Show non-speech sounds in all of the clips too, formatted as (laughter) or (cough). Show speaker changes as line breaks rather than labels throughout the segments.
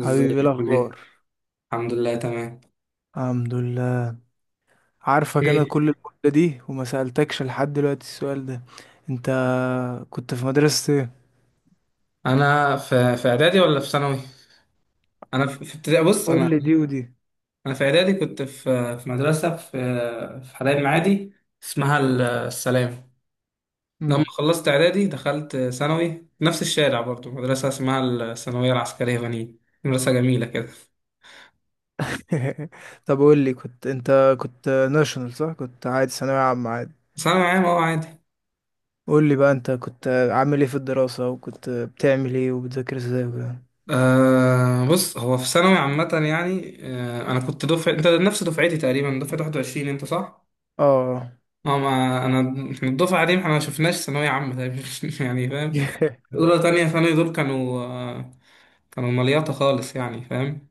حبيبي إيه
عامل ايه؟
الاخبار؟
الحمد لله تمام.
الحمد لله. عارفك، انا
ايه؟
كل المدة دي وما سألتكش لحد دلوقتي السؤال ده. انت كنت في مدرسة ايه؟
انا في اعدادي ولا في ثانوي؟ انا في ابتدائي. بص انا
قول لي دي ودي.
انا في اعدادي كنت في في مدرسه في في حلايب معادي اسمها السلام. لما
مم.
خلصت اعدادي دخلت ثانوي نفس الشارع برضو مدرسه اسمها الثانويه العسكريه بنين، مدرسه جميله كده.
(laughs) طب قول لي، كنت ناشونال صح؟ كنت عادي ثانوية عامة عادي؟
ثانوي عام اهو عادي.
قول لي بقى، انت كنت عامل ايه في الدراسة، وكنت بتعمل ايه، وبتذاكر ازاي وكده؟
آه، بص هو في ثانوي عامة يعني، آه، أنا كنت دفعة أنت نفس دفعتي تقريبا، دفعة 21 أنت صح؟
اه.
اه، ما انا احنا الدفعه دي احنا ما شفناش ثانويه عامه تقريباً. (laughs) يعني فاهم.
(laughs)
اولى تانية ثانوي دول كانوا كانوا مليطه خالص يعني فاهم.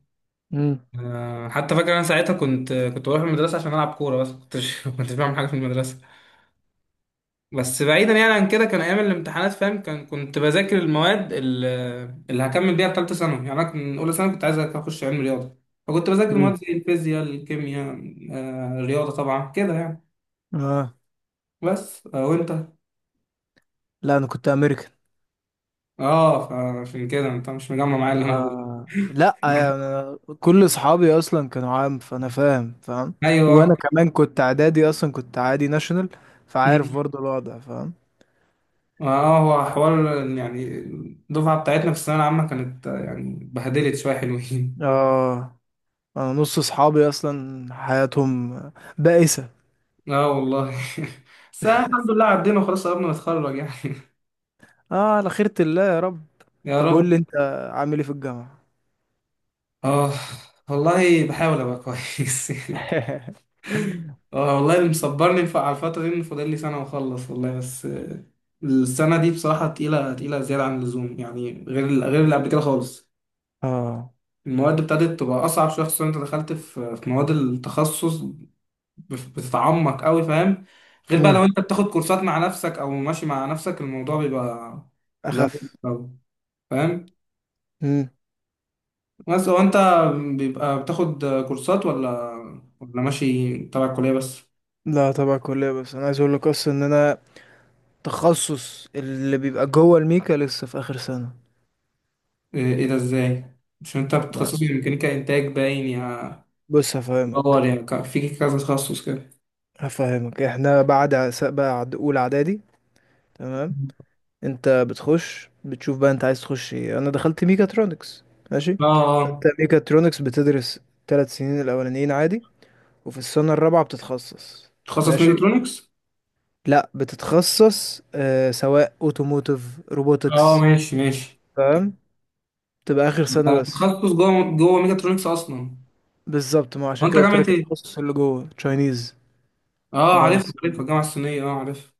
مم.
آه، حتى فاكر انا ساعتها كنت بروح المدرسه عشان العب كوره، بس كنتش (laughs) كنتش بعمل حاجه في المدرسه. بس بعيدا يعني عن كده، كان ايام الامتحانات فاهم، كان كنت بذاكر المواد اللي هكمل بيها في ثالثه ثانوي. يعني انا كنت اولى ثانوي كنت عايز اخش علم رياضه، فكنت بذاكر مواد
مم.
زي الفيزياء، الكيمياء، الرياضه طبعا كده يعني.
اه.
بس وانت؟
لا انا كنت امريكا.
اه، فعشان كده انت مش مجمع معايا اللي انا بقوله.
آه لا،
(laughs)
أنا كل اصحابي اصلا كانوا عام، فانا فاهم فاهم.
ايوه.
وانا كمان كنت اعدادي اصلا، كنت عادي ناشونال، فعارف
مم.
برضو الوضع، فاهم.
اه، هو حوار يعني الدفعه بتاعتنا في الثانويه العامه كانت يعني بهدلت شويه حلوين.
اه، انا نص اصحابي اصلا حياتهم بائسة.
اه والله. (laughs) بس الحمد لله عدينا وخلاص قربنا نتخرج يعني.
اه، على خيرة الله يا رب.
(laughs) يا
طب قول
رب.
لي انت، عامل ايه في الجامعة؟
اه والله بحاول ابقى كويس (laughs) يعني.
(laughs)
اه والله اللي مصبرني على الفتره دي ان فاضل لي سنه واخلص والله، بس السنه دي بصراحه تقيله، تقيله زياده عن اللزوم يعني، غير اللي قبل كده خالص.
اه.
المواد ابتدت تبقى اصعب شويه، خصوصا انت دخلت في مواد التخصص، بتتعمق قوي فاهم. غير بقى لو
امم
انت بتاخد كورسات مع نفسك او ماشي مع نفسك الموضوع بيبقى مختلف
اخف.
أوي، فاهم.
امم
بس هو انت بيبقى بتاخد كورسات ولا ماشي تبع الكليه بس؟
لا طبعا كلية، بس انا عايز اقول لك اصلا ان انا تخصص اللي بيبقى جوه الميكا لسه في اخر سنة.
إيه ده ازاي؟ مش انت
ما-
بتخصصي ميكانيكا انتاج باين، يا
بص
باور
هفهمك.
يعني، في كذا تخصص كده.
احنا بعد بعد اولى اعدادي، تمام؟ انت بتخش بتشوف بقى انت عايز تخش ايه. انا دخلت ميكاترونكس، ماشي.
اه.
فانت
اه،
ميكاترونكس بتدرس ثلاث سنين الاولانيين عادي، وفي السنه الرابعه بتتخصص،
تخصص
ماشي.
ميكاترونكس.
لا بتتخصص سواء اوتوموتيف،
اه
روبوتكس،
ماشي ماشي.
تمام؟ تبقى اخر سنه
آه،
بس.
تخصص جوه ميكاترونكس اصلا.
بالظبط، ما
هو
عشان
انت
كده قلت
جامعه
لك
ايه؟
التخصص اللي جوه تشاينيز.
اه،
جامعه
عارفها عارفها، الجامعه
الصينية.
الصينيه، اه عارفها.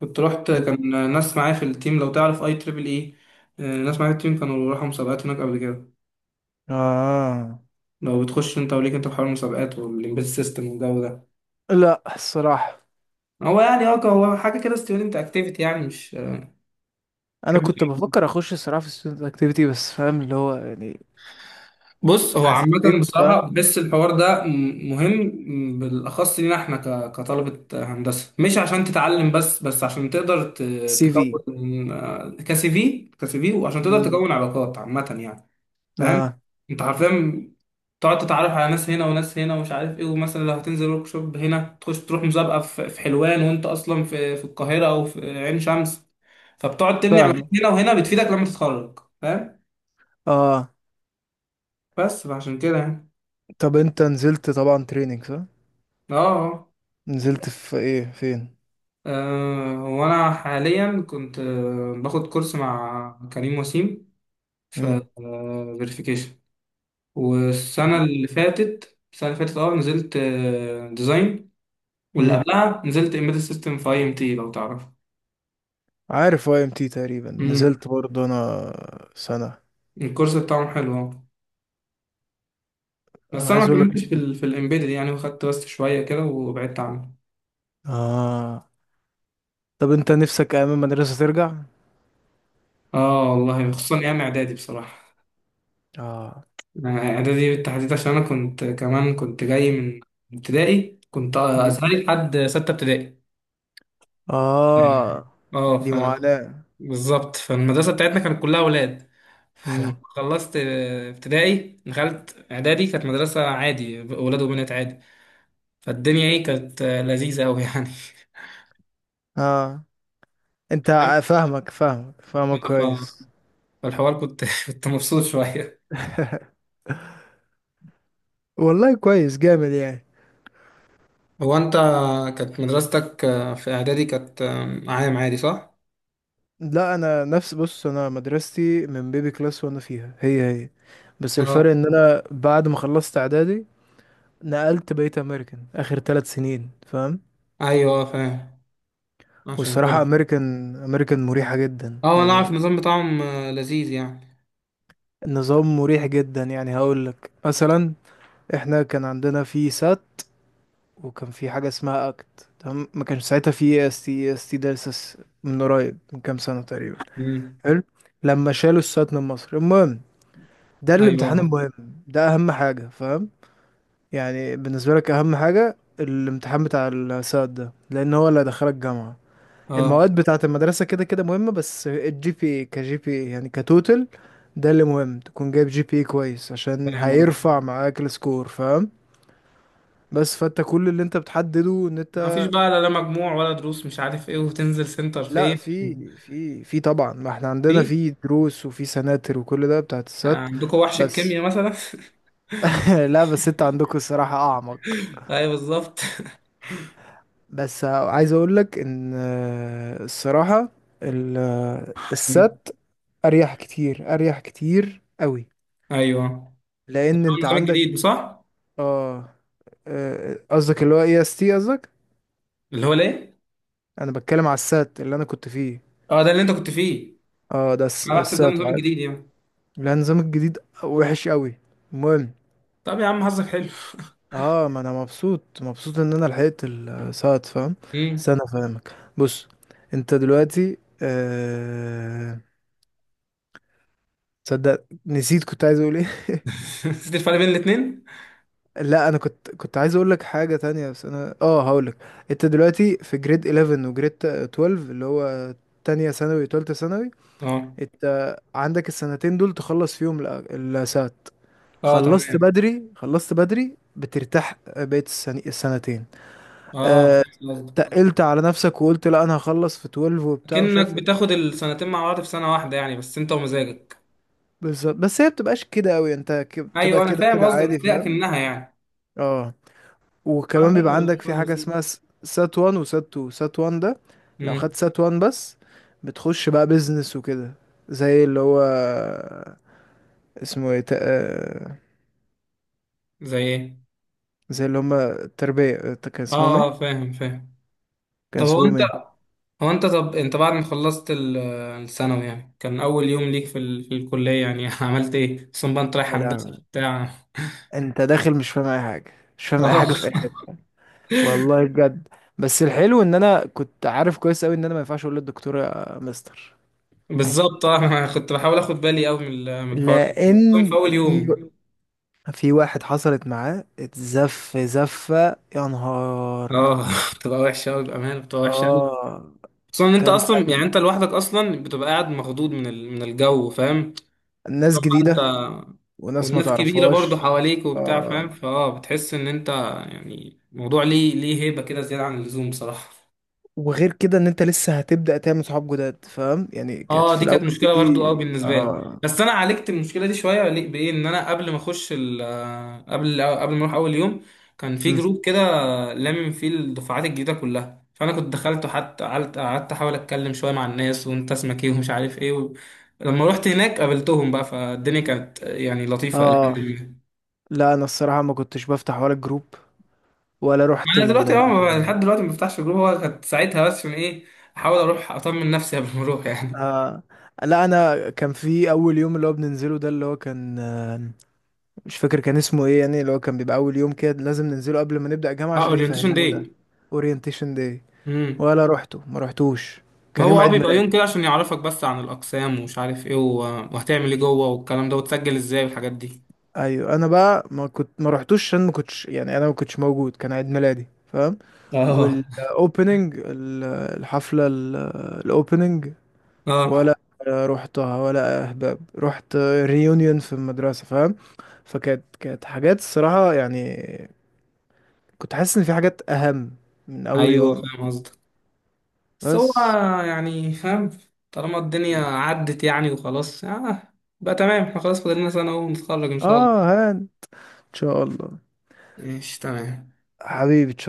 كنت رحت،
انت.
كان ناس معايا في التيم لو تعرف اي تريبل اي. آه، ناس معايا في التيم كانوا راحوا مسابقات هناك قبل كده.
اه
لو بتخش انت وليك انت في حوار المسابقات والامبيد سيستم والجو ده.
لا الصراحه،
هو يعني اه، هو حاجه كده ستودنت اكتيفيتي يعني، مش
انا
تحب.
كنت بفكر اخش الصراحه في student اكتيفيتي بس، فاهم اللي هو يعني.
بص هو عامة
حسيت،
بصراحة
فاهم.
بحس الحوار ده مهم، بالأخص لينا احنا كطلبة هندسة، مش عشان تتعلم بس عشان تقدر
سي في.
تكون كسي في، وعشان تقدر
مم.
تكون علاقات عامة يعني، فاهم.
اه،
انت حرفيا تقعد تتعرف على ناس هنا وناس هنا ومش عارف ايه، ومثلا لو هتنزل ورك شوب هنا تخش تروح مسابقة في حلوان وانت أصلا في القاهرة أو في عين شمس، فبتقعد تبني علاقات
فاهم.
هنا وهنا بتفيدك لما تتخرج فاهم.
اه.
بس فعشان كده يعني.
طب انت نزلت طبعا تريننج صح؟
اه. آه.
نزلت في ايه، فين؟
هو أنا حاليا كنت باخد كورس مع كريم وسيم في
امم
فيريفيكيشن. والسنة
آه.
اللي فاتت السنة اللي فاتت اه نزلت ديزاين، واللي
امم
قبلها نزلت امبيدد سيستم في اي ام تي لو تعرف.
عارف واي ام تي، تقريبا
امم.
نزلت برضه انا سنه.
الكورس بتاعهم حلو اه، بس
انا
انا ما
عايز اقول لك،
كملتش في ال الامبيدد يعني، وخدت بس شوية كده وبعدت عنه.
اه. طب انت نفسك ايام المدرسه ترجع؟
اه والله خصوصا ايام اعدادي بصراحة.
اه.
اعدادي بالتحديد عشان انا كنت كمان كنت جاي من ابتدائي، كنت
مم.
ازهري لحد ستة ابتدائي.
اه،
اه
دي معاناه.
بالظبط. فالمدرسة بتاعتنا كانت كلها ولاد. لما
امم
خلصت ابتدائي دخلت اعدادي، كانت مدرسة عادي ولاد وبنات عادي، فالدنيا ايه كانت لذيذة اوي يعني.
اه، انت فاهمك فاهمك
ف-
فاهمك كويس.
فالحوار كنت (laughs) كنت مبسوط شوية.
(laughs) والله كويس جامد يعني.
هو انت كانت مدرستك في اعدادي كانت عام عادي صح؟
لا انا نفس، بص انا مدرستي من بيبي كلاس وانا فيها، هي هي. بس الفرق
اه،
ان انا بعد ما خلصت اعدادي، نقلت بقيت امريكان اخر ثلاث سنين، فاهم.
ايوه فاهم عشان
والصراحة
كده.
امريكان، امريكان مريحة جدا
اه انا اعرف
يعني.
النظام بتاعهم، لذيذ يعني.
النظام مريح جدا يعني. هقول لك مثلا، احنا كان عندنا في سات، وكان في حاجة اسمها اكت، تمام؟ ما كانش ساعتها في اس تي، اس تي ده لسه من قريب، من كام سنة تقريبا.
امم.
حلو. لما شالوا السات من مصر، المهم ده الامتحان
ايوه.
المهم. ده اهم حاجة، فاهم. يعني بالنسبة لك اهم حاجة الامتحان بتاع الساد ده، لان هو اللي هيدخلك جامعة.
اه
المواد بتاعة المدرسة كده كده مهمة، بس الجي بي اي كجي بي اي يعني، كتوتل. ده اللي مهم، تكون جايب جي بي اي كويس عشان
فاهم قصدك.
هيرفع معاك السكور، فاهم. بس فانت كل اللي انت بتحدده ان
ما فيش
انت.
بقى لا لا مجموع، ولا دروس مش عارف ايه، وتنزل سنتر
لا،
فين.
في طبعا، ما احنا عندنا
في
في دروس وفي سناتر وكل ده بتاعة السات.
عندكم وحش
بس.
الكيمياء مثلا.
(laughs) لا بس انت عندكم الصراحة اعمق.
(laughs) ايوه بالظبط.
بس عايز اقول لك ان الصراحة السات
(laughs)
اريح كتير، اريح كتير قوي.
ايوه، ده
لان
هو
انت
النظام
عندك.
الجديد صح؟
اه. قصدك اللي هو اي اس تي قصدك؟
اللي هو ليه.
انا بتكلم على السات اللي انا كنت فيه.
اه، ده اللي انت كنت فيه.
اه، ده
انا بحسب ده
السات
النظام
عادي.
الجديد يعني.
لا النظام الجديد وحش قوي. المهم.
طب يا عم حظك حلو.
اه، ما انا مبسوط، مبسوط ان انا لحقت السات، فاهم.
امم.
استنى فاهمك، بص. انت دلوقتي تصدق نسيت كنت عايز اقول ايه. (laughs)
(laughs) نسيت الفرق بين الاثنين.
لا انا كنت عايز اقول لك حاجه تانية، بس انا هقول لك. انت دلوقتي في جريد 11 وجريد 12، اللي هو تانية ثانوي وتالتة ثانوي.
اه.
انت عندك السنتين دول تخلص فيهم السات.
اه
خلصت
تمام،
بدري، خلصت بدري بترتاح بقيت السنتين.
اه
أه.
فهمت قصدك،
تقلت على نفسك وقلت لا، انا هخلص في 12 وبتاع مش
كأنك
عارف ايه.
بتاخد السنتين مع بعض في سنة واحدة يعني، بس انت ومزاجك.
بالظبط، بس هي بتبقاش كده قوي. انت بتبقى
ايوه انا
كده
فاهم
كده
قصدك، بس
عادي،
هي
فاهم.
اكنها يعني.
اه،
اه،
وكمان
حلو
بيبقى
والله
عندك في
حلو
حاجة
سيدي.
اسمها سات وان وسات تو. سات وان ده، لو
امم.
خدت سات وان بس، بتخش بقى بيزنس وكده. زي اللي هو اسمه ايه،
زي ايه؟
زي اللي هما التربية، كان اسمهم
اه اه
ايه؟
فاهم فاهم.
كان
طب هو
اسمهم
انت،
ايه؟
هو انت طب انت بعد ما خلصت الثانوي يعني، كان اول يوم ليك في, في الكلية يعني (laughs) عملت ايه؟ اصلا بقى انت رايح
يا
هندسة
لهوي،
بتاع.
انت داخل مش فاهم اي حاجة، مش
(laughs)
فاهم اي
اه
حاجة في اي حتة، والله بجد. بس الحلو ان انا كنت عارف كويس اوي ان انا ما ينفعش اقول للدكتور يا مستر. (laughs)
بالظبط، اه انا كنت بحاول اخد بالي قوي من من الحوار ده، خصوصاً في
لان
اول
في
يوم.
في واحد حصلت معاه اتزف زفة، يا نهار.
اه (laughs) بتبقى وحشة قوي بأمانة، بتبقى وحشة قوي.
اه،
خصوصا ان انت
كان
اصلا يعني
كان
انت لوحدك اصلا بتبقى قاعد مخضوض من من الجو فاهم؟
ناس
طبعا انت
جديدة وناس ما
والناس كبيرة برضو
تعرفهاش.
حواليك وبتاع فاهم،
آه.
بتحس ان انت يعني موضوع ليه هيبة كده زيادة عن اللزوم بصراحة.
وغير كده ان انت لسه هتبدأ تعمل صحاب جداد، فاهم يعني. كانت
اه
في
دي كانت
الاول
مشكلة برضو
دي.
اه بالنسبة لي.
اه.
بس انا عالجت المشكلة دي شوية بايه ان انا قبل ما اخش قبل ما اروح اول يوم كان في
مم.
جروب كده، لامم فيه الدفعات الجديدة كلها، فانا كنت دخلت وحتى قعدت احاول اتكلم شوية مع الناس وانت اسمك ايه ومش عارف ايه و... لما رحت هناك قابلتهم بقى فالدنيا كانت يعني لطيفة الى حد
اه،
ما.
لا انا الصراحة ما كنتش بفتح ولا الجروب، ولا رحت
انا دلوقتي اه لحد دلوقتي ما بفتحش جروب، هو كانت ساعتها بس من ايه، احاول اروح اطمن نفسي قبل ما اروح (laughs) يعني.
آه. لا، انا كان في اول يوم اللي هو بننزله ده، اللي هو كان مش فاكر كان اسمه ايه، يعني اللي هو كان بيبقى اول يوم كده لازم ننزله قبل ما نبدأ جامعة
اه،
عشان
اورينتيشن
يفهمونا.
داي.
اورينتيشن داي.
امم.
ولا روحته، ما روحتوش.
ما
كان
هو
يوم
اه
عيد
بيبقى
ميلادي.
يوم كده عشان يعرفك بس عن الاقسام ومش عارف ايه، و وهتعمل ايه جوه والكلام ده وتسجل ازاي والحاجات دي.
ايوه انا بقى ما كنت ما روحتوش عشان ما كنتش يعني، انا ما كنتش موجود، كان عيد ميلادي فاهم.
اه.
والاوبننج، الحفلة الاوبننج
اه
ولا روحتها، ولا اهباب رحت ريونيون في المدرسة، فاهم. فكانت حاجات الصراحة يعني، كنت حاسس ان في حاجات اهم من اول
ايوه
يوم.
فاهم قصدك. بس هو
بس.
يعني فاهم، طالما الدنيا عدت يعني وخلاص، اه بقى تمام، احنا خلاص فاضل لنا سنه اهو ونتخرج ان شاء
اه
الله.
هان. ان شاء الله.
ماشي تمام.
حبيبي.